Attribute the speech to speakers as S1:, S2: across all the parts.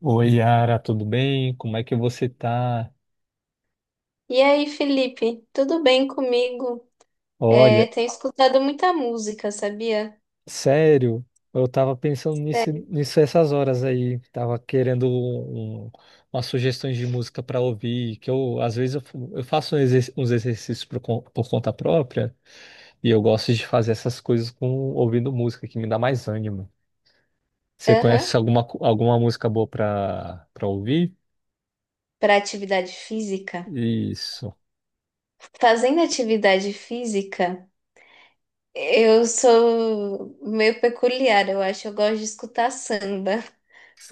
S1: Oi, Yara, tudo bem? Como é que você tá?
S2: E aí, Felipe, tudo bem comigo? É,
S1: Olha,
S2: tenho escutado muita música, sabia?
S1: sério, eu tava pensando nisso,
S2: É,
S1: nisso essas horas aí. Tava querendo umas sugestões de música para ouvir, que eu, às vezes, eu faço uns exercícios por conta própria e eu gosto de fazer essas coisas com ouvindo música, que me dá mais ânimo. Você
S2: aham.
S1: conhece alguma música boa para ouvir?
S2: Para atividade física.
S1: Isso,
S2: Fazendo atividade física, eu sou meio peculiar, eu acho. Eu gosto de escutar samba.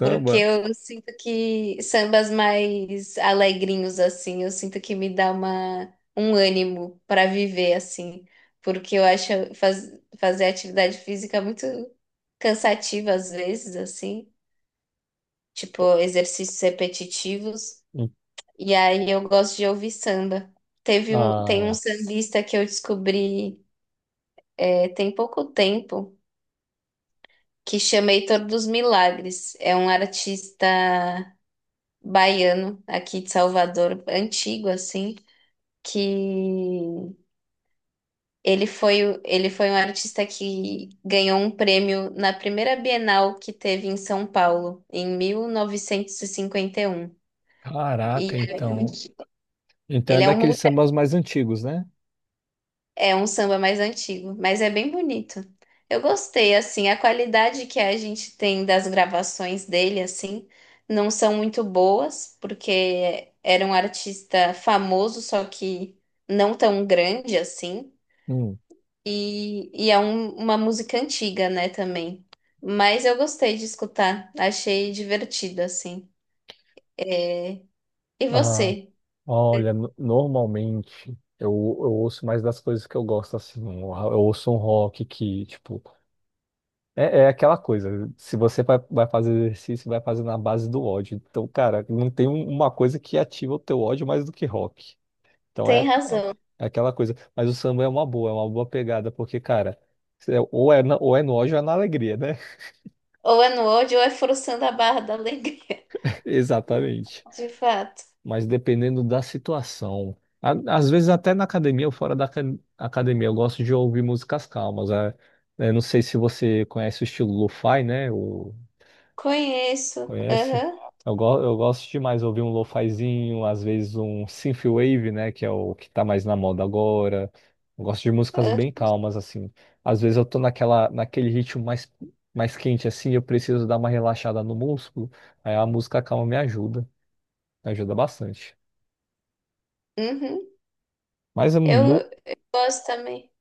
S2: Porque eu sinto que sambas mais alegrinhos, assim, eu sinto que me dá uma, um ânimo para viver, assim. Porque eu acho fazer atividade física muito cansativa às vezes, assim. Tipo, exercícios repetitivos.
S1: Hum.
S2: E aí eu gosto de ouvir samba. Teve um, tem um
S1: Ah,
S2: sambista que eu descobri é, tem pouco tempo, que chama Heitor dos Milagres. É um artista baiano aqui de Salvador, antigo assim, que ele foi, ele foi um artista que ganhou um prêmio na primeira Bienal que teve em São Paulo, em 1951. E 51. E
S1: caraca, então. Então é
S2: ele é um
S1: daqueles sambas mais antigos, né?
S2: É um samba mais antigo, mas é bem bonito. Eu gostei, assim, a qualidade que a gente tem das gravações dele, assim, não são muito boas, porque era um artista famoso, só que não tão grande assim,
S1: Hum.
S2: e é uma música antiga, né, também. Mas eu gostei de escutar, achei divertido, assim. E
S1: Ah,
S2: você?
S1: olha, normalmente eu, eu ouço mais das coisas que eu gosto, assim. Eu ouço um rock que, tipo, é aquela coisa. Se você vai fazer exercício, vai fazer na base do ódio. Então, cara, não tem uma coisa que ativa o teu ódio mais do que rock. Então é,
S2: Tem
S1: é,
S2: razão.
S1: é aquela coisa. Mas o samba é uma boa pegada, porque, cara, ou é nojo ou é na alegria, né?
S2: Ou é no ódio ou é forçando a barra da alegria.
S1: Exatamente.
S2: De fato.
S1: Mas dependendo da situação. Às vezes até na academia ou fora da academia, eu gosto de ouvir músicas calmas. É, não sei se você conhece o estilo lo-fi, né?
S2: Conheço.
S1: Conhece?
S2: Aham.
S1: Eu gosto demais ouvir um lo-fizinho, às vezes um synthwave, né, que é o que tá mais na moda agora. Eu gosto de músicas
S2: Ah,
S1: bem calmas assim. Às vezes eu tô naquela naquele ritmo mais quente assim, eu preciso dar uma relaxada no músculo, aí a música calma me ajuda bastante.
S2: uhum.
S1: Mas é
S2: Eu,
S1: mu-
S2: eu gosto também.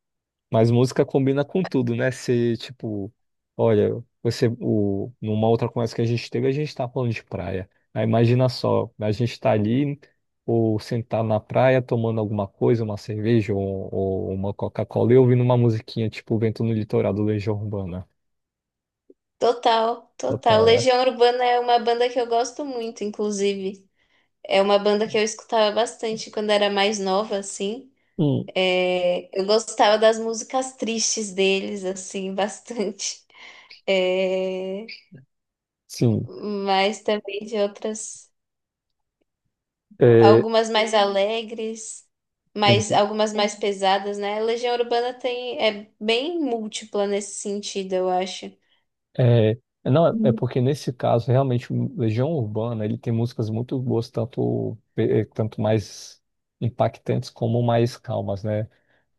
S1: Mas música combina com tudo, né? Se, tipo, olha, você, numa outra conversa que a gente teve, a gente tá falando de praia. Aí imagina só, a gente tá ali, ou sentar na praia, tomando alguma coisa, uma cerveja ou uma Coca-Cola, e ouvindo uma musiquinha, tipo, Vento no Litoral, do Legião Urbana.
S2: Total, total.
S1: Total, né?
S2: Legião Urbana é uma banda que eu gosto muito, inclusive. É uma banda que eu escutava bastante quando era mais nova, assim.
S1: Hum,
S2: É, eu gostava das músicas tristes deles, assim, bastante. É,
S1: sim,
S2: mas também de outras,
S1: é,
S2: algumas mais alegres, mas
S1: entendi.
S2: algumas mais pesadas, né? A Legião Urbana tem, é bem múltipla nesse sentido, eu acho.
S1: É, não, é porque nesse caso, realmente, o Legião Urbana, ele tem músicas muito boas, tanto mais impactantes como mais calmas, né?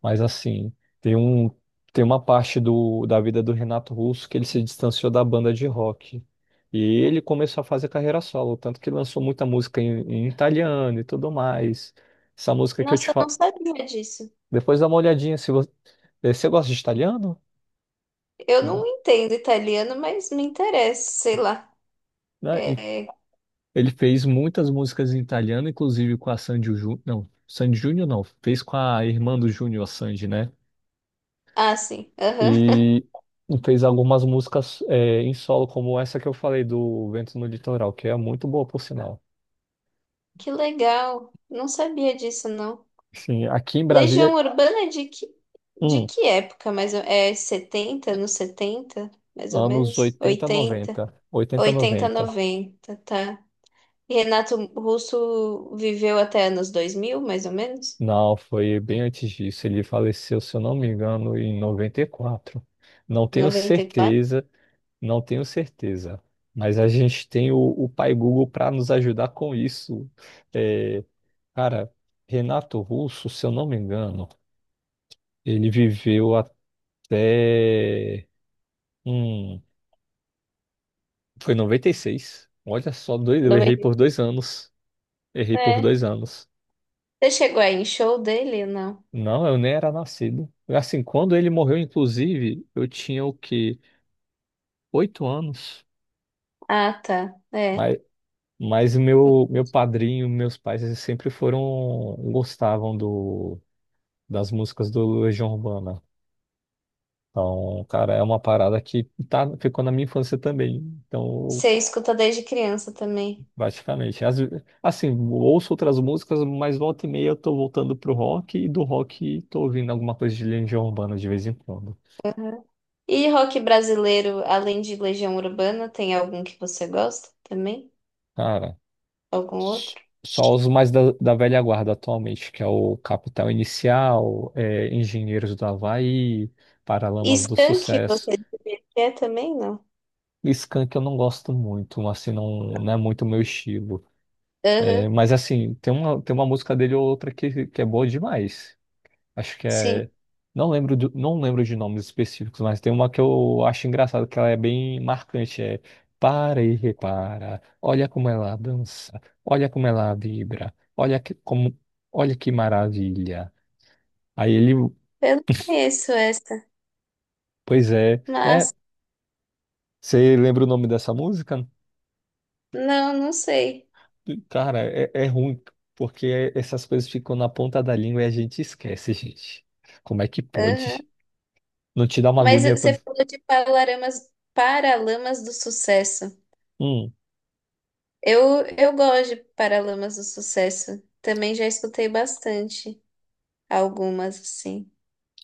S1: Mas assim, tem um, tem uma parte do, da vida do Renato Russo que ele se distanciou da banda de rock. E ele começou a fazer carreira solo, tanto que lançou muita música em italiano e tudo mais. Essa música que eu te
S2: Nossa, eu não
S1: falo.
S2: sabia disso.
S1: Depois dá uma olhadinha, se você, eh, você gosta de italiano?
S2: Eu não entendo italiano, mas me interessa, sei lá.
S1: Né?
S2: É...
S1: Ele fez muitas músicas em italiano, inclusive com a Sandy Júnior. Não, Sandy Júnior não. Fez com a irmã do Júnior, a Sandy, né?
S2: Ah, sim. Aham.
S1: E fez algumas músicas é, em solo, como essa que eu falei do Vento no Litoral, que é muito boa, por sinal.
S2: Que legal. Não sabia disso, não.
S1: Sim, aqui em
S2: Legião
S1: Brasília.
S2: Urbana é de
S1: hum,
S2: que época? Mais ou... É 70, nos 70 mais ou
S1: Anos
S2: menos?
S1: oitenta
S2: 80.
S1: noventa, oitenta
S2: 80,
S1: noventa.
S2: 90. Tá. E Renato Russo viveu até anos 2000 mais ou menos?
S1: Não, foi bem antes disso. Ele faleceu, se eu não me engano, em 94. Não tenho
S2: 94.
S1: certeza. Não tenho certeza, mas a gente tem o Pai Google para nos ajudar com isso. É, cara, Renato Russo, se eu não me engano, ele viveu até. Hum, foi noventa e seis. Olha só, dois, eu errei por
S2: 90.
S1: 2 anos. Errei por
S2: É.
S1: dois anos.
S2: Você chegou aí em show dele ou não?
S1: Não, eu nem era nascido. Assim, quando ele morreu, inclusive, eu tinha o quê? 8 anos.
S2: Ah, tá. É.
S1: Mas, mas meu, meu padrinho, meus pais, eles sempre foram, gostavam do das músicas do Legião Urbana. Então, cara, é uma parada que tá, ficou na minha infância também. Então,
S2: Você escuta desde criança também.
S1: basicamente, assim, ouço outras músicas, mas volta e meia eu tô voltando pro rock e do rock tô ouvindo alguma coisa de Legião Urbana de vez em quando.
S2: E rock brasileiro, além de Legião Urbana, tem algum que você gosta também?
S1: Cara,
S2: Algum
S1: s-
S2: outro?
S1: só os mais da, da velha guarda atualmente, que é o Capital Inicial, é, Engenheiros do Havaí,
S2: E
S1: Paralamas do
S2: Skank,
S1: Sucesso.
S2: você diria que é também? Não.
S1: Skank eu não gosto muito, assim, não, não é muito o meu estilo. É,
S2: Aham,
S1: mas assim, tem uma música dele ou outra que é boa demais. Acho que é.
S2: sim.
S1: Não lembro, não lembro de nomes específicos, mas tem uma que eu acho engraçada, que ela é bem marcante. É Para e repara, olha como ela dança, olha como ela vibra, olha que, como, olha que maravilha. Aí ele,
S2: Eu não conheço essa,
S1: pois é, é,
S2: mas
S1: você lembra o nome dessa música?
S2: não, não sei.
S1: Cara, é ruim, porque essas coisas ficam na ponta da língua e a gente esquece, gente. Como é que
S2: Aham.
S1: pode? Não te dá uma
S2: Mas
S1: agonia
S2: você
S1: quando.
S2: falou de Paralamas, Paralamas do Sucesso.
S1: Hum,
S2: Eu gosto de Paralamas do Sucesso. Também já escutei bastante algumas, assim.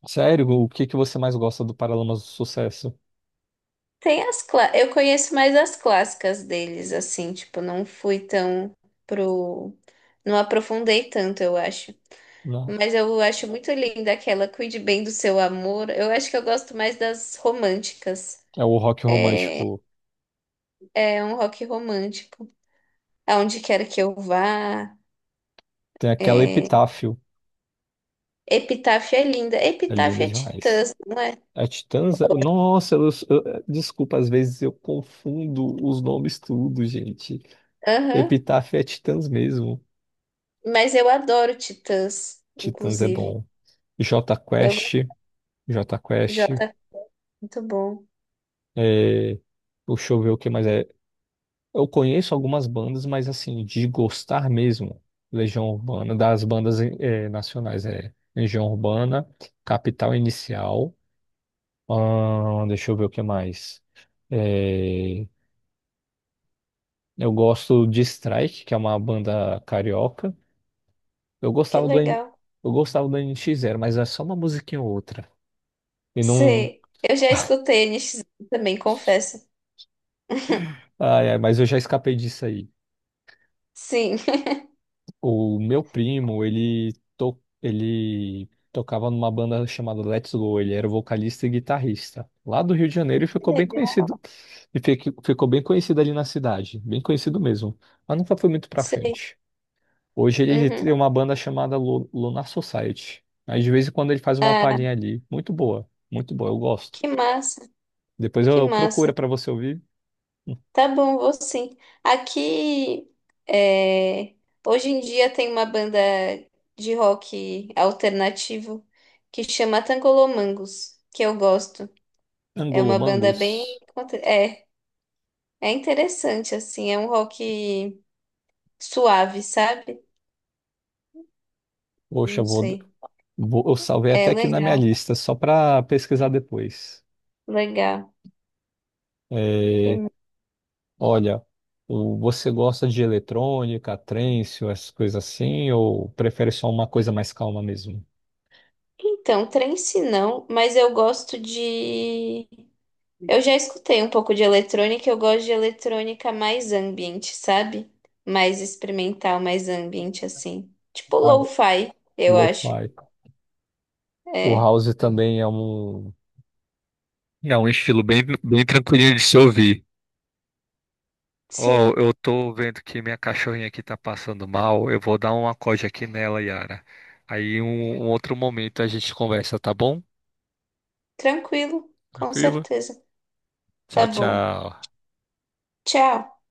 S1: sério, o que que você mais gosta do Paralamas do Sucesso?
S2: Eu conheço mais as clássicas deles, assim, tipo, não fui tão pro. Não aprofundei tanto, eu acho.
S1: Não.
S2: Mas eu acho muito linda aquela Cuide Bem do Seu Amor. Eu acho que eu gosto mais das românticas.
S1: É o rock romântico.
S2: É um rock romântico. Aonde quer que eu vá.
S1: Tem aquela
S2: É,
S1: Epitáfio.
S2: Epitáfio é linda.
S1: É linda
S2: Epitáfio é
S1: demais.
S2: Titãs, não é?
S1: A Titãs? Nossa, desculpa, às vezes eu confundo os nomes tudo, gente.
S2: Aham.
S1: Epitáfio é Titãs mesmo.
S2: Mas eu adoro Titãs,
S1: Titãs é
S2: inclusive.
S1: bom. J
S2: Eu gosto
S1: Quest, J
S2: de
S1: Quest.
S2: Jota, muito bom.
S1: É... Deixa eu ver o que mais é. Eu conheço algumas bandas, mas assim, de gostar mesmo, Legião Urbana, das bandas nacionais, é Legião Urbana, Capital Inicial, deixa eu ver o que mais. Eh, eu gosto de Strike, que é uma banda carioca. Eu
S2: Que
S1: gostava do, N-
S2: legal.
S1: eu gostava do NX Zero, mas é só uma musiquinha ou outra. E não.
S2: Sim, eu já escutei NX também, confesso.
S1: Ai, ai, mas eu já escapei disso aí.
S2: Sim,
S1: O meu primo, ele tocava numa banda chamada Let's Go. Ele era o vocalista e guitarrista. Lá do Rio de Janeiro e
S2: que
S1: ficou bem
S2: legal.
S1: conhecido. E ficou bem conhecido ali na cidade. Bem conhecido mesmo. Mas nunca foi muito pra
S2: Sei.
S1: frente. Hoje ele
S2: Uhum.
S1: tem uma banda chamada Lunar Society. Aí de vez em quando ele faz uma
S2: Ah,
S1: palhinha ali. Muito boa. Muito boa. Eu gosto.
S2: que massa,
S1: Depois
S2: que
S1: eu procuro
S2: massa.
S1: pra você ouvir.
S2: Tá bom, vou sim. Aqui, é, hoje em dia tem uma banda de rock alternativo que chama Tangolomangos, que eu gosto. É uma banda bem.
S1: Angolomangos.
S2: conte- É, é interessante, assim, é um rock suave, sabe?
S1: Poxa, eu
S2: Não
S1: vou...
S2: sei.
S1: vou- Eu salvei
S2: É
S1: até aqui na minha
S2: legal,
S1: lista, só pra pesquisar depois.
S2: legal.
S1: É,
S2: Que-
S1: olha, você gosta de eletrônica, trance, ou essas coisas assim, ou prefere só uma coisa mais calma mesmo?
S2: Então, trance não, mas eu gosto de. Eu já escutei um pouco de eletrônica, eu gosto de eletrônica mais ambiente, sabe? Mais experimental, mais ambiente assim. Tipo
S1: Ah,
S2: lo-fi, eu acho.
S1: Lo-fi. O
S2: É,
S1: house também é um. É um estilo bem, bem tranquilinho de se ouvir. Ó,
S2: sim,
S1: eu tô vendo que minha cachorrinha aqui tá passando mal. Eu vou dar um acorde aqui nela, Yara. Aí um outro momento a gente conversa, tá bom?
S2: tranquilo, com
S1: Tranquilo?
S2: certeza.
S1: Tchau,
S2: Tá bom.
S1: tchau.
S2: Tchau.